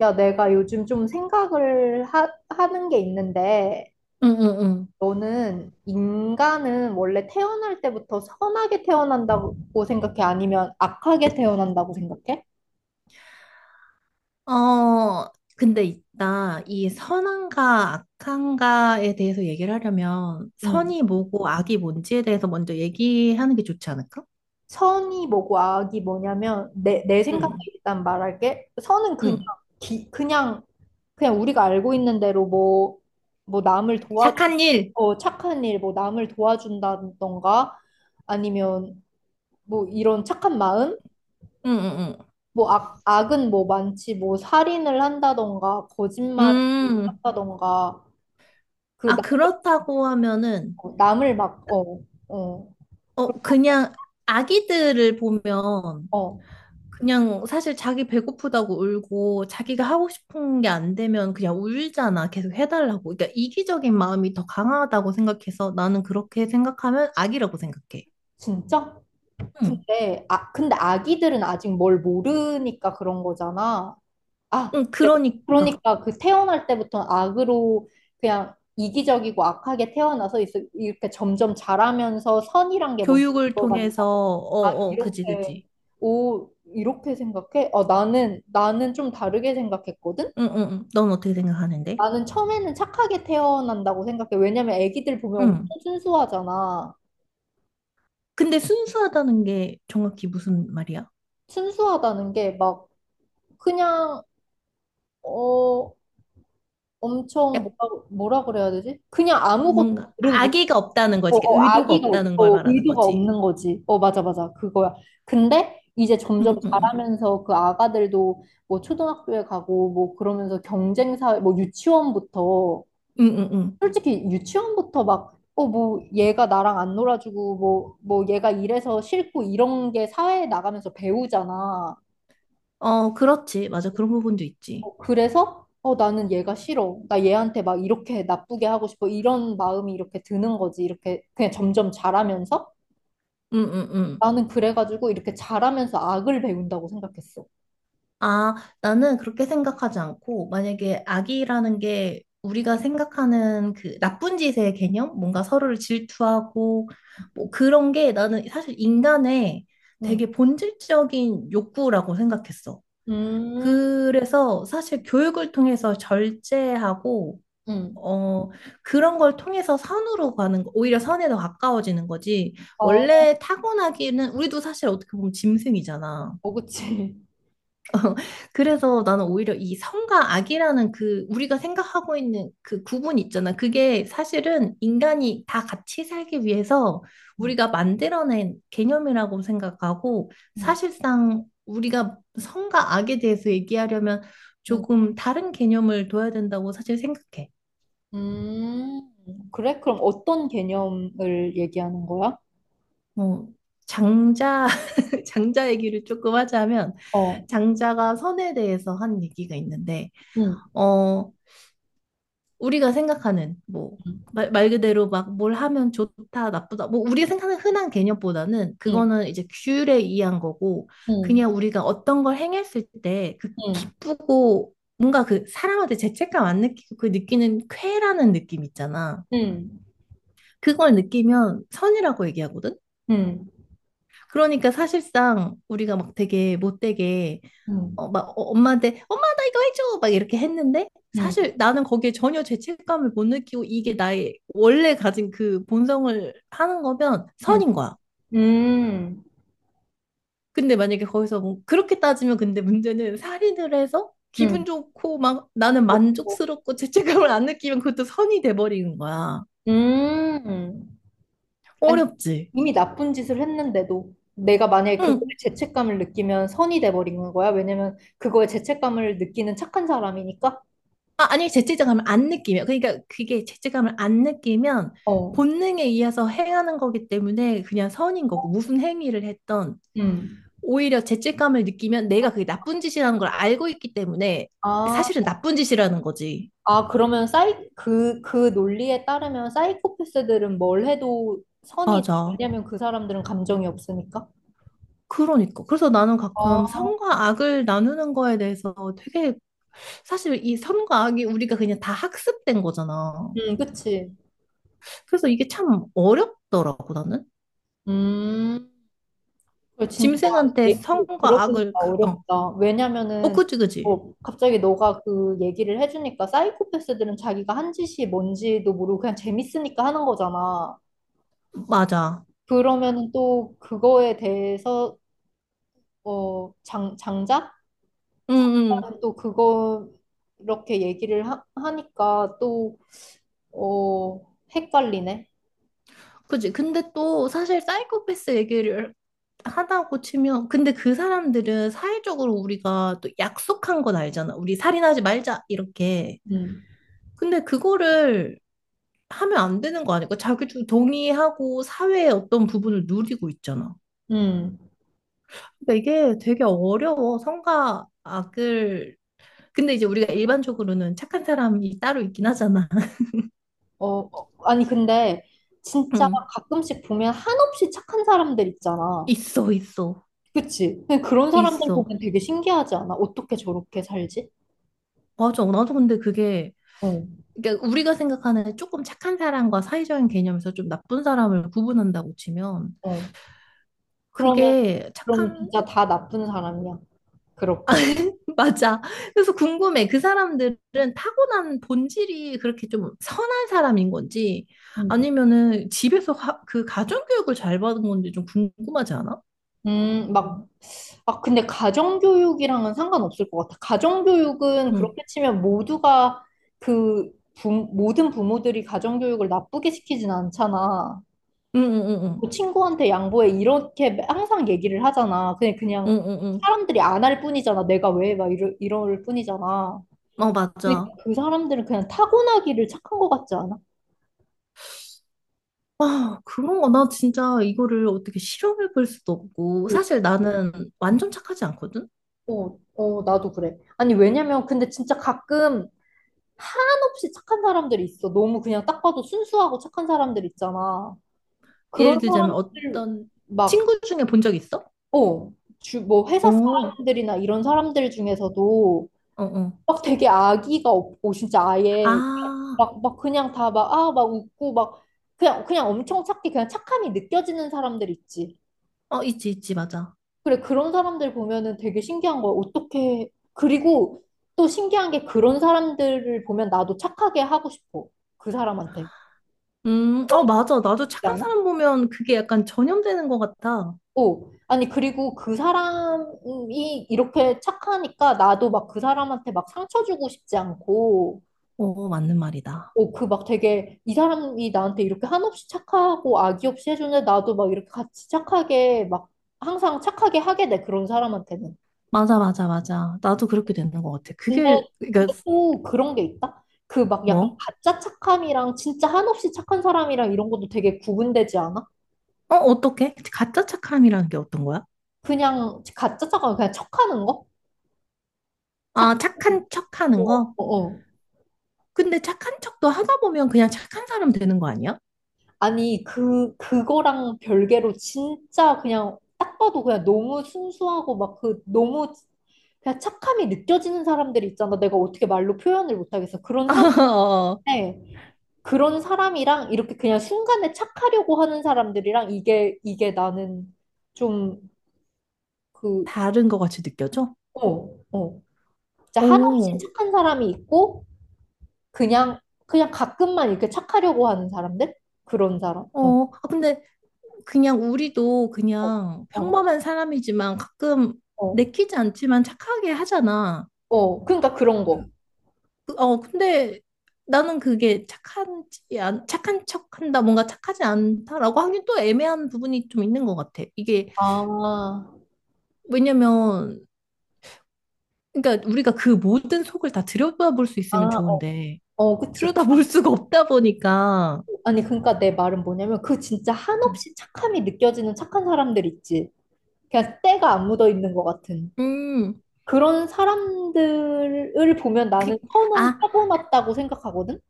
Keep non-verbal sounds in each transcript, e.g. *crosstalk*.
야, 내가 요즘 좀 생각을 하는 게 있는데, 응응응. 너는 인간은 원래 태어날 때부터 선하게 태어난다고 생각해? 아니면 악하게 태어난다고 생각해? 어, 근데 이 선한가 악한가에 대해서 얘기를 하려면, 음, 선이 뭐고 악이 뭔지에 대해서 먼저 얘기하는 게 좋지 않을까? 선이 뭐고 악이 뭐냐면, 내 생각에 응, 일단 말할게. 선은 그냥, 응. 기- 그냥, 그냥 우리가 알고 있는 대로 뭐 남을 도와주... 착한 일! 착한 일, 뭐 남을 도와준다던가, 아니면 뭐 이런 착한 마음? 응, 응, 뭐 악은 뭐 많지, 뭐 살인을 한다던가, 응. 거짓말을 한다던가, 그 아, 나, 그렇다고 하면은, 남을 막, 어, 그, 어, 그냥 아기들을 보면, 어, 그냥 사실 자기 배고프다고 울고 자기가 하고 싶은 게 안 되면 그냥 울잖아. 계속 해달라고. 그러니까 이기적인 마음이 더 강하다고 생각해서 나는 그렇게 생각하면 악이라고 생각해. 진짜? 응. 근데 아기들은 아직 뭘 모르니까 그런 거잖아. 아, 응, 그래. 그러니까. 그러니까 그 태어날 때부터 악으로 그냥 이기적이고 악하게 태어나서 이렇게 점점 자라면서 선이란 게 뭔지. 교육을 통해서, 어, 아, 어, 그지, 이렇게, 그지. 오, 이렇게 생각해? 나는 좀 다르게 생각했거든? 응, 응, 응. 넌 어떻게 생각하는데? 나는 처음에는 착하게 태어난다고 생각해. 왜냐면 애기들 보면 엄청 응. 순수하잖아. 근데 순수하다는 게 정확히 무슨 말이야? 순수하다는 게 막, 그냥, 어, 약 엄청, 뭐라 그래야 되지? 그냥 아무것도 뭔가 모르고 악의가 없다는 거지. 그러니까 의도가 아기가 없다는 걸 없고 말하는 의도가 거지. 없는 거지. 맞아, 맞아. 그거야. 근데 이제 응, 점점 응, 응. 자라면서 그 아가들도 뭐 초등학교에 가고 뭐 그러면서 경쟁사회, 뭐 유치원부터, 응, 응, 응. 솔직히 유치원부터 막, 뭐 얘가 나랑 안 놀아주고 뭐, 얘가 이래서 싫고 이런 게 사회에 나가면서 배우잖아. 어, 그렇지. 맞아. 그런 부분도 있지. 그래서 나는 얘가 싫어. 나 얘한테 막 이렇게 나쁘게 하고 싶어. 이런 마음이 이렇게 드는 거지. 이렇게 그냥 점점 자라면서. 음, 음, 음. 나는 그래가지고 이렇게 잘하면서 악을 배운다고 생각했어. 아, 나는 그렇게 생각하지 않고, 만약에 악이라는 게 우리가 생각하는 그 나쁜 짓의 개념? 뭔가 서로를 질투하고, 뭐 그런 게 나는 사실 인간의 응. 되게 본질적인 욕구라고 생각했어. 음, 그래서 사실 교육을 통해서 절제하고, 응. 어, 그런 걸 통해서 선으로 가는 거, 오히려 선에 더 가까워지는 거지. 어, 원래 타고나기는, 우리도 사실 어떻게 보면 짐승이잖아. 어, 그치. 그래서 나는 오히려 이 성과 악이라는 그 우리가 생각하고 있는 그 구분 있잖아. 그게 사실은 인간이 다 같이 살기 위해서 *laughs* 응, 우리가 만들어낸 개념이라고 생각하고 응, 사실상 우리가 성과 악에 대해서 얘기하려면 응. 조금 다른 개념을 둬야 된다고 사실 생각해. 그래? 그럼 어떤 개념을 얘기하는 거야? 어, 장자, *laughs* 장자 얘기를 조금 하자면 어, 장자가 선에 대해서 한 얘기가 있는데, 응, 어, 우리가 생각하는 뭐 응, 말 그대로 막 뭘 하면 좋다, 나쁘다. 뭐 우리가 생각하는 흔한 개념보다는 응, 그거는 이제 규율에 의한 거고 응, 그냥 우리가 어떤 걸 행했을 때 그 응, 기쁘고 뭔가 그 사람한테 죄책감 안 느끼고 그 느끼는 쾌라는 느낌 있잖아. 응, 그걸 느끼면 선이라고 얘기하거든. 응, 그러니까 사실상 우리가 막 되게 못되게 응, 어, 막 어, 엄마한테 엄마 나 이거 해줘 막 이렇게 했는데 응, 사실 나는 거기에 전혀 죄책감을 못 느끼고 이게 나의 원래 가진 그 본성을 하는 거면 응, 선인 거야. 응, 근데 만약에 거기서 뭐 그렇게 따지면 근데 문제는 살인을 해서 기분 응. 좋고 막 나는 어, 어. 만족스럽고 *laughs* 죄책감을 안 느끼면 그것도 선이 돼버리는 거야. 음. 아니, 어렵지. 이미 나쁜 짓을 했는데도 내가 만약에 그거에 응, 죄책감을 느끼면 선이 돼버리는 거야. 왜냐면 그거에 죄책감을 느끼는 착한 사람이니까. 아, 아니, 죄책감을 안 느끼면. 그러니까 그게 죄책감을 안 느끼면 어, 본능에 의해서 행하는 거기 때문에 그냥 선인 거고, 무슨 행위를 했던 음. 오히려 죄책감을 느끼면 내가 그게 나쁜 짓이라는 걸 알고 있기 때문에 아, 사실은 나쁜 짓이라는 거지. 아 그러면 그 논리에 따르면 사이코패스들은 뭘 해도 선이 돼. 맞아. 왜냐면 그 사람들은 감정이 없으니까. 그러니까. 그래서 나는 가끔 아, 선과 악을 나누는 거에 대해서 되게 사실 이 선과 악이 우리가 그냥 다 학습된 거잖아. 그치. 그래서 이게 참 어렵더라고, 나는. 음. 그 진짜 짐승한테 얘기 선과 악을, 들어보니까 어렵다. 어, 왜냐면은 그지, 그지. 갑자기 너가 그 얘기를 해주니까 사이코패스들은 자기가 한 짓이 뭔지도 모르고 그냥 재밌으니까 하는 거잖아. 맞아. 그러면은 또 그거에 대해서 장작? 응, 응. 장작은 또 그거 이렇게 얘기를 하니까 또 어, 헷갈리네. 그지. 근데 또 사실 사이코패스 얘기를 하다고 치면, 근데 그 사람들은 사회적으로 우리가 또 약속한 건 알잖아. 우리 살인하지 말자, 이렇게. 음, 근데 그거를 하면 안 되는 거 아닐까? 자기도 동의하고 사회의 어떤 부분을 누리고 있잖아. 음. 그러니까 이게 되게 어려워. 선과 악을. 근데 이제 우리가 일반적으로는 착한 사람이 따로 있긴 하잖아. *laughs* 어, 어, 아니 근데 진짜 응. 가끔씩 보면 한없이 착한 사람들 있잖아. 있어, 있어, 그치? 근데 그런 사람들 있어. 보면 되게 신기하지 않아? 어떻게 저렇게 살지? 맞아. 나도 근데 그게 어, 그러니까 우리가 생각하는 조금 착한 사람과 사회적인 개념에서 좀 나쁜 사람을 구분한다고 치면 어. 그러면, 그게 그럼 착한 진짜 다 나쁜 사람이야. 그렇게. *laughs* 맞아. 그래서 궁금해. 그 사람들은 타고난 본질이 그렇게 좀 선한 사람인 건지 음, 아니면은 집에서 그 가정교육을 잘 받은 건지 좀 궁금하지 않아? 막, 근데 가정교육이랑은 상관없을 것 같아. 가정교육은 응. 그렇게 치면 모두가 그, 모든 부모들이 가정교육을 나쁘게 시키진 않잖아. 응, 응, 응, 뭐 친구한테 양보해. 이렇게 항상 얘기를 하잖아. 그냥 응, 응, 응. 사람들이 안 할 뿐이잖아. 내가 왜? 막 이럴 뿐이잖아. 응. 어, 그데 맞아. 그 사람들은 그냥 타고나기를 착한 것 같지 않아? 아, 그런 거 나 진짜 이거를 어떻게 실험해 볼 수도 없고 사실 나는 완전 착하지 않거든. 어, 어, 나도 그래. 아니, 왜냐면, 근데 진짜 가끔 한없이 착한 사람들이 있어. 너무 그냥 딱 봐도 순수하고 착한 사람들 있잖아. 그런 예를 들자면 사람들, 어떤 막, 친구 중에 본 적 있어? 어, 뭐, 어, 회사 어, 사람들이나 이런 사람들 중에서도 어. 막 되게 악의가 없고, 진짜 아예 아, 막 그냥 다 막, 막 웃고, 막, 그냥 엄청 착해. 그냥 착함이 느껴지는 사람들 있지. 어, 있지, 있지, 맞아. 그래, 그런 사람들 보면은 되게 신기한 거야. 어떻게, 그리고 또 신기한 게 그런 사람들을 보면 나도 착하게 하고 싶어. 그 사람한테. 어, 그런 맞아. 게 있지 나도 착한 않아? 사람 보면 그게 약간 전염되는 것 같아. 어. 아니, 그리고 그 사람이 이렇게 착하니까 나도 막 그 사람한테 막 상처 주고 싶지 않고, 어, 맞는 말이다. 그 막 되게 이 사람이 나한테 이렇게 한없이 착하고 악의 없이 해주는데 나도 막 이렇게 같이 착하게 막 항상 착하게 하게 돼, 그런 사람한테는. 맞아, 맞아, 맞아. 나도 그렇게 되는 것 같아. 근데, 그게, 그러니까, 근데 또 그런 게 있다? 그 막 약간 뭐? 가짜 착함이랑 진짜 한없이 착한 사람이랑 이런 것도 되게 구분되지 않아? 어, 어떻게? 가짜 착함이라는 게 어떤 거야? 그냥 가짜 착함, 그냥 척하는 거? 아, 착하고, 착한 척 하는 어, 거? 어. 어. 근데 착한 척도 하다 보면 그냥 착한 사람 되는 거 아니야? 아니, 그거랑 별개로 진짜 그냥 딱 봐도 그냥 너무 순수하고 막 그 너무 그냥 착함이 느껴지는 사람들이 있잖아. 내가 어떻게 말로 표현을 못하겠어. 그런 *laughs* 어, 사람인데, 그런 사람이랑 이렇게 그냥 순간에 착하려고 하는 사람들이랑 이게, 이게 나는 좀 그, 다른 것 같이 느껴져? 어, 어. 진짜 한없이 오, 착한 사람이 있고, 그냥, 그냥 가끔만 이렇게 착하려고 하는 사람들? 그런 사람. 어, 어, 아, 근데 그냥 우리도 어, 그냥 어, 평범한 사람이지만 가끔 어. 내키지 않지만 착하게 하잖아. 어. 그러니까 그런 거. 어, 근데 나는 그게 착한 척한다, 뭔가 착하지 않다라고 하긴 또 애매한 부분이 좀 있는 것 같아. 이게 아, 왜냐면 그러니까 우리가 그 모든 속을 다 들여다볼 수 아, 있으면 어, 좋은데 어, 그치. 들여다볼 아니, 수가 없다 보니까 아니, 그러니까 내 말은 뭐냐면, 그 진짜 한없이 착함이 느껴지는 착한 사람들 있지. 그냥 때가 안 묻어 있는 것 같은. 음, 그런 사람들을 보면 나는 그, 선은 아, 타고났다고 생각하거든?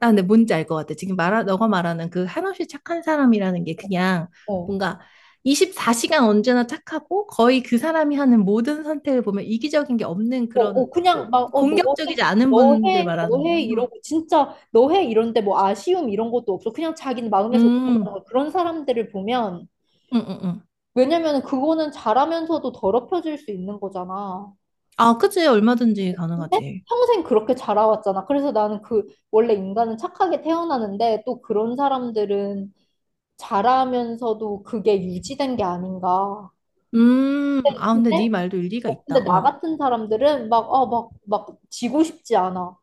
아, 근데 뭔지 알 것 같아. 지금 너가 말하는 그 한없이 착한 사람이라는 게 그냥 어. 뭔가 24시간 언제나 착하고 거의 그 사람이 하는 모든 선택을 보면 이기적인 게 없는 어, 어, 그런 좀 그냥 막, 너 해, 공격적이지 않은 너 분들 해, 너 해, 말하는구나. 이러고, 진짜, 너 해, 이런데 뭐 아쉬움 이런 것도 없어. 그냥 자기는 마음에서 는 음, 음, 거야. 그런 사람들을 보면, 음, 음. 왜냐면 그거는 잘하면서도 더럽혀질 수 있는 거잖아. 아, 그치. 얼마든지 근데 가능하지. 평생 그렇게 자라왔잖아. 그래서 나는 그, 원래 인간은 착하게 태어나는데, 또 그런 사람들은 잘하면서도 그게 유지된 게 아닌가. 아, 근데 네 근데, 말도 일리가 어, 있다. 근데 나 어. 같은 사람들은 막, 막, 지고 싶지 않아.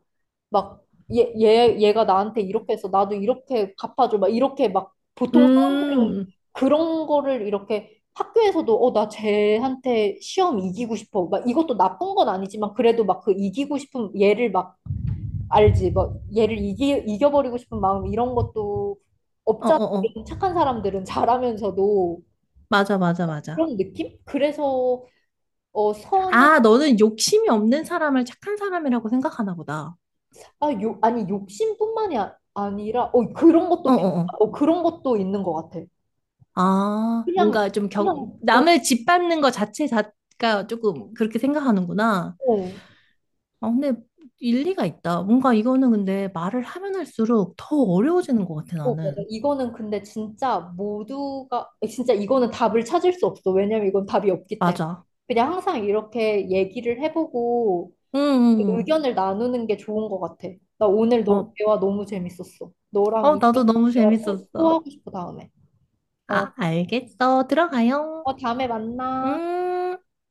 막 얘가 나한테 이렇게 해서 나도 이렇게 갚아줘. 막 이렇게 막 보통 사람들은 음, 그런 거를 이렇게 학교에서도 나 쟤한테 시험 이기고 싶어. 막 이것도 나쁜 건 아니지만 그래도 막 그 이기고 싶은 얘를 막 알지. 막 얘를 이겨버리고 싶은 마음 이런 것도 어, 없잖아. 어, 어. 이런 착한 사람들은 잘하면서도 맞아, 맞아, 맞아. 그런 느낌? 그래서 선은... 아, 너는 욕심이 없는 사람을 착한 사람이라고 생각하나 보다. 아니 욕심뿐만이 아니라 그런 것도 필-. 어어어. 어, 그런 것도 있는 것 같아. 아, 그냥, 뭔가 좀 그냥, 어, 남을 짓밟는 것 자체 가 조금 그렇게 생각하는구나. 어, 아, 근데 일리가 있다. 뭔가 이거는 근데 말을 하면 할수록 더 어, 어려워지는 것 같아, 어, 맞아. 나는. 이거는 근데 진짜 모두가, 진짜 이거는 답을 찾을 수 없어. 왜냐면 이건 답이 없기 때문에. 맞아. 그냥 항상 이렇게 얘기를 해보고 응, 응, 의견을 나누는 게 좋은 것 같아. 나 오늘 응. 어, 대화 너무 재밌었어. 너랑 어, 이 나도 너무 대화 또 재밌었어. 하고 싶어, 다음에. 어, 아, 알겠어. 들어가요. 어, 다음에 만나. 음.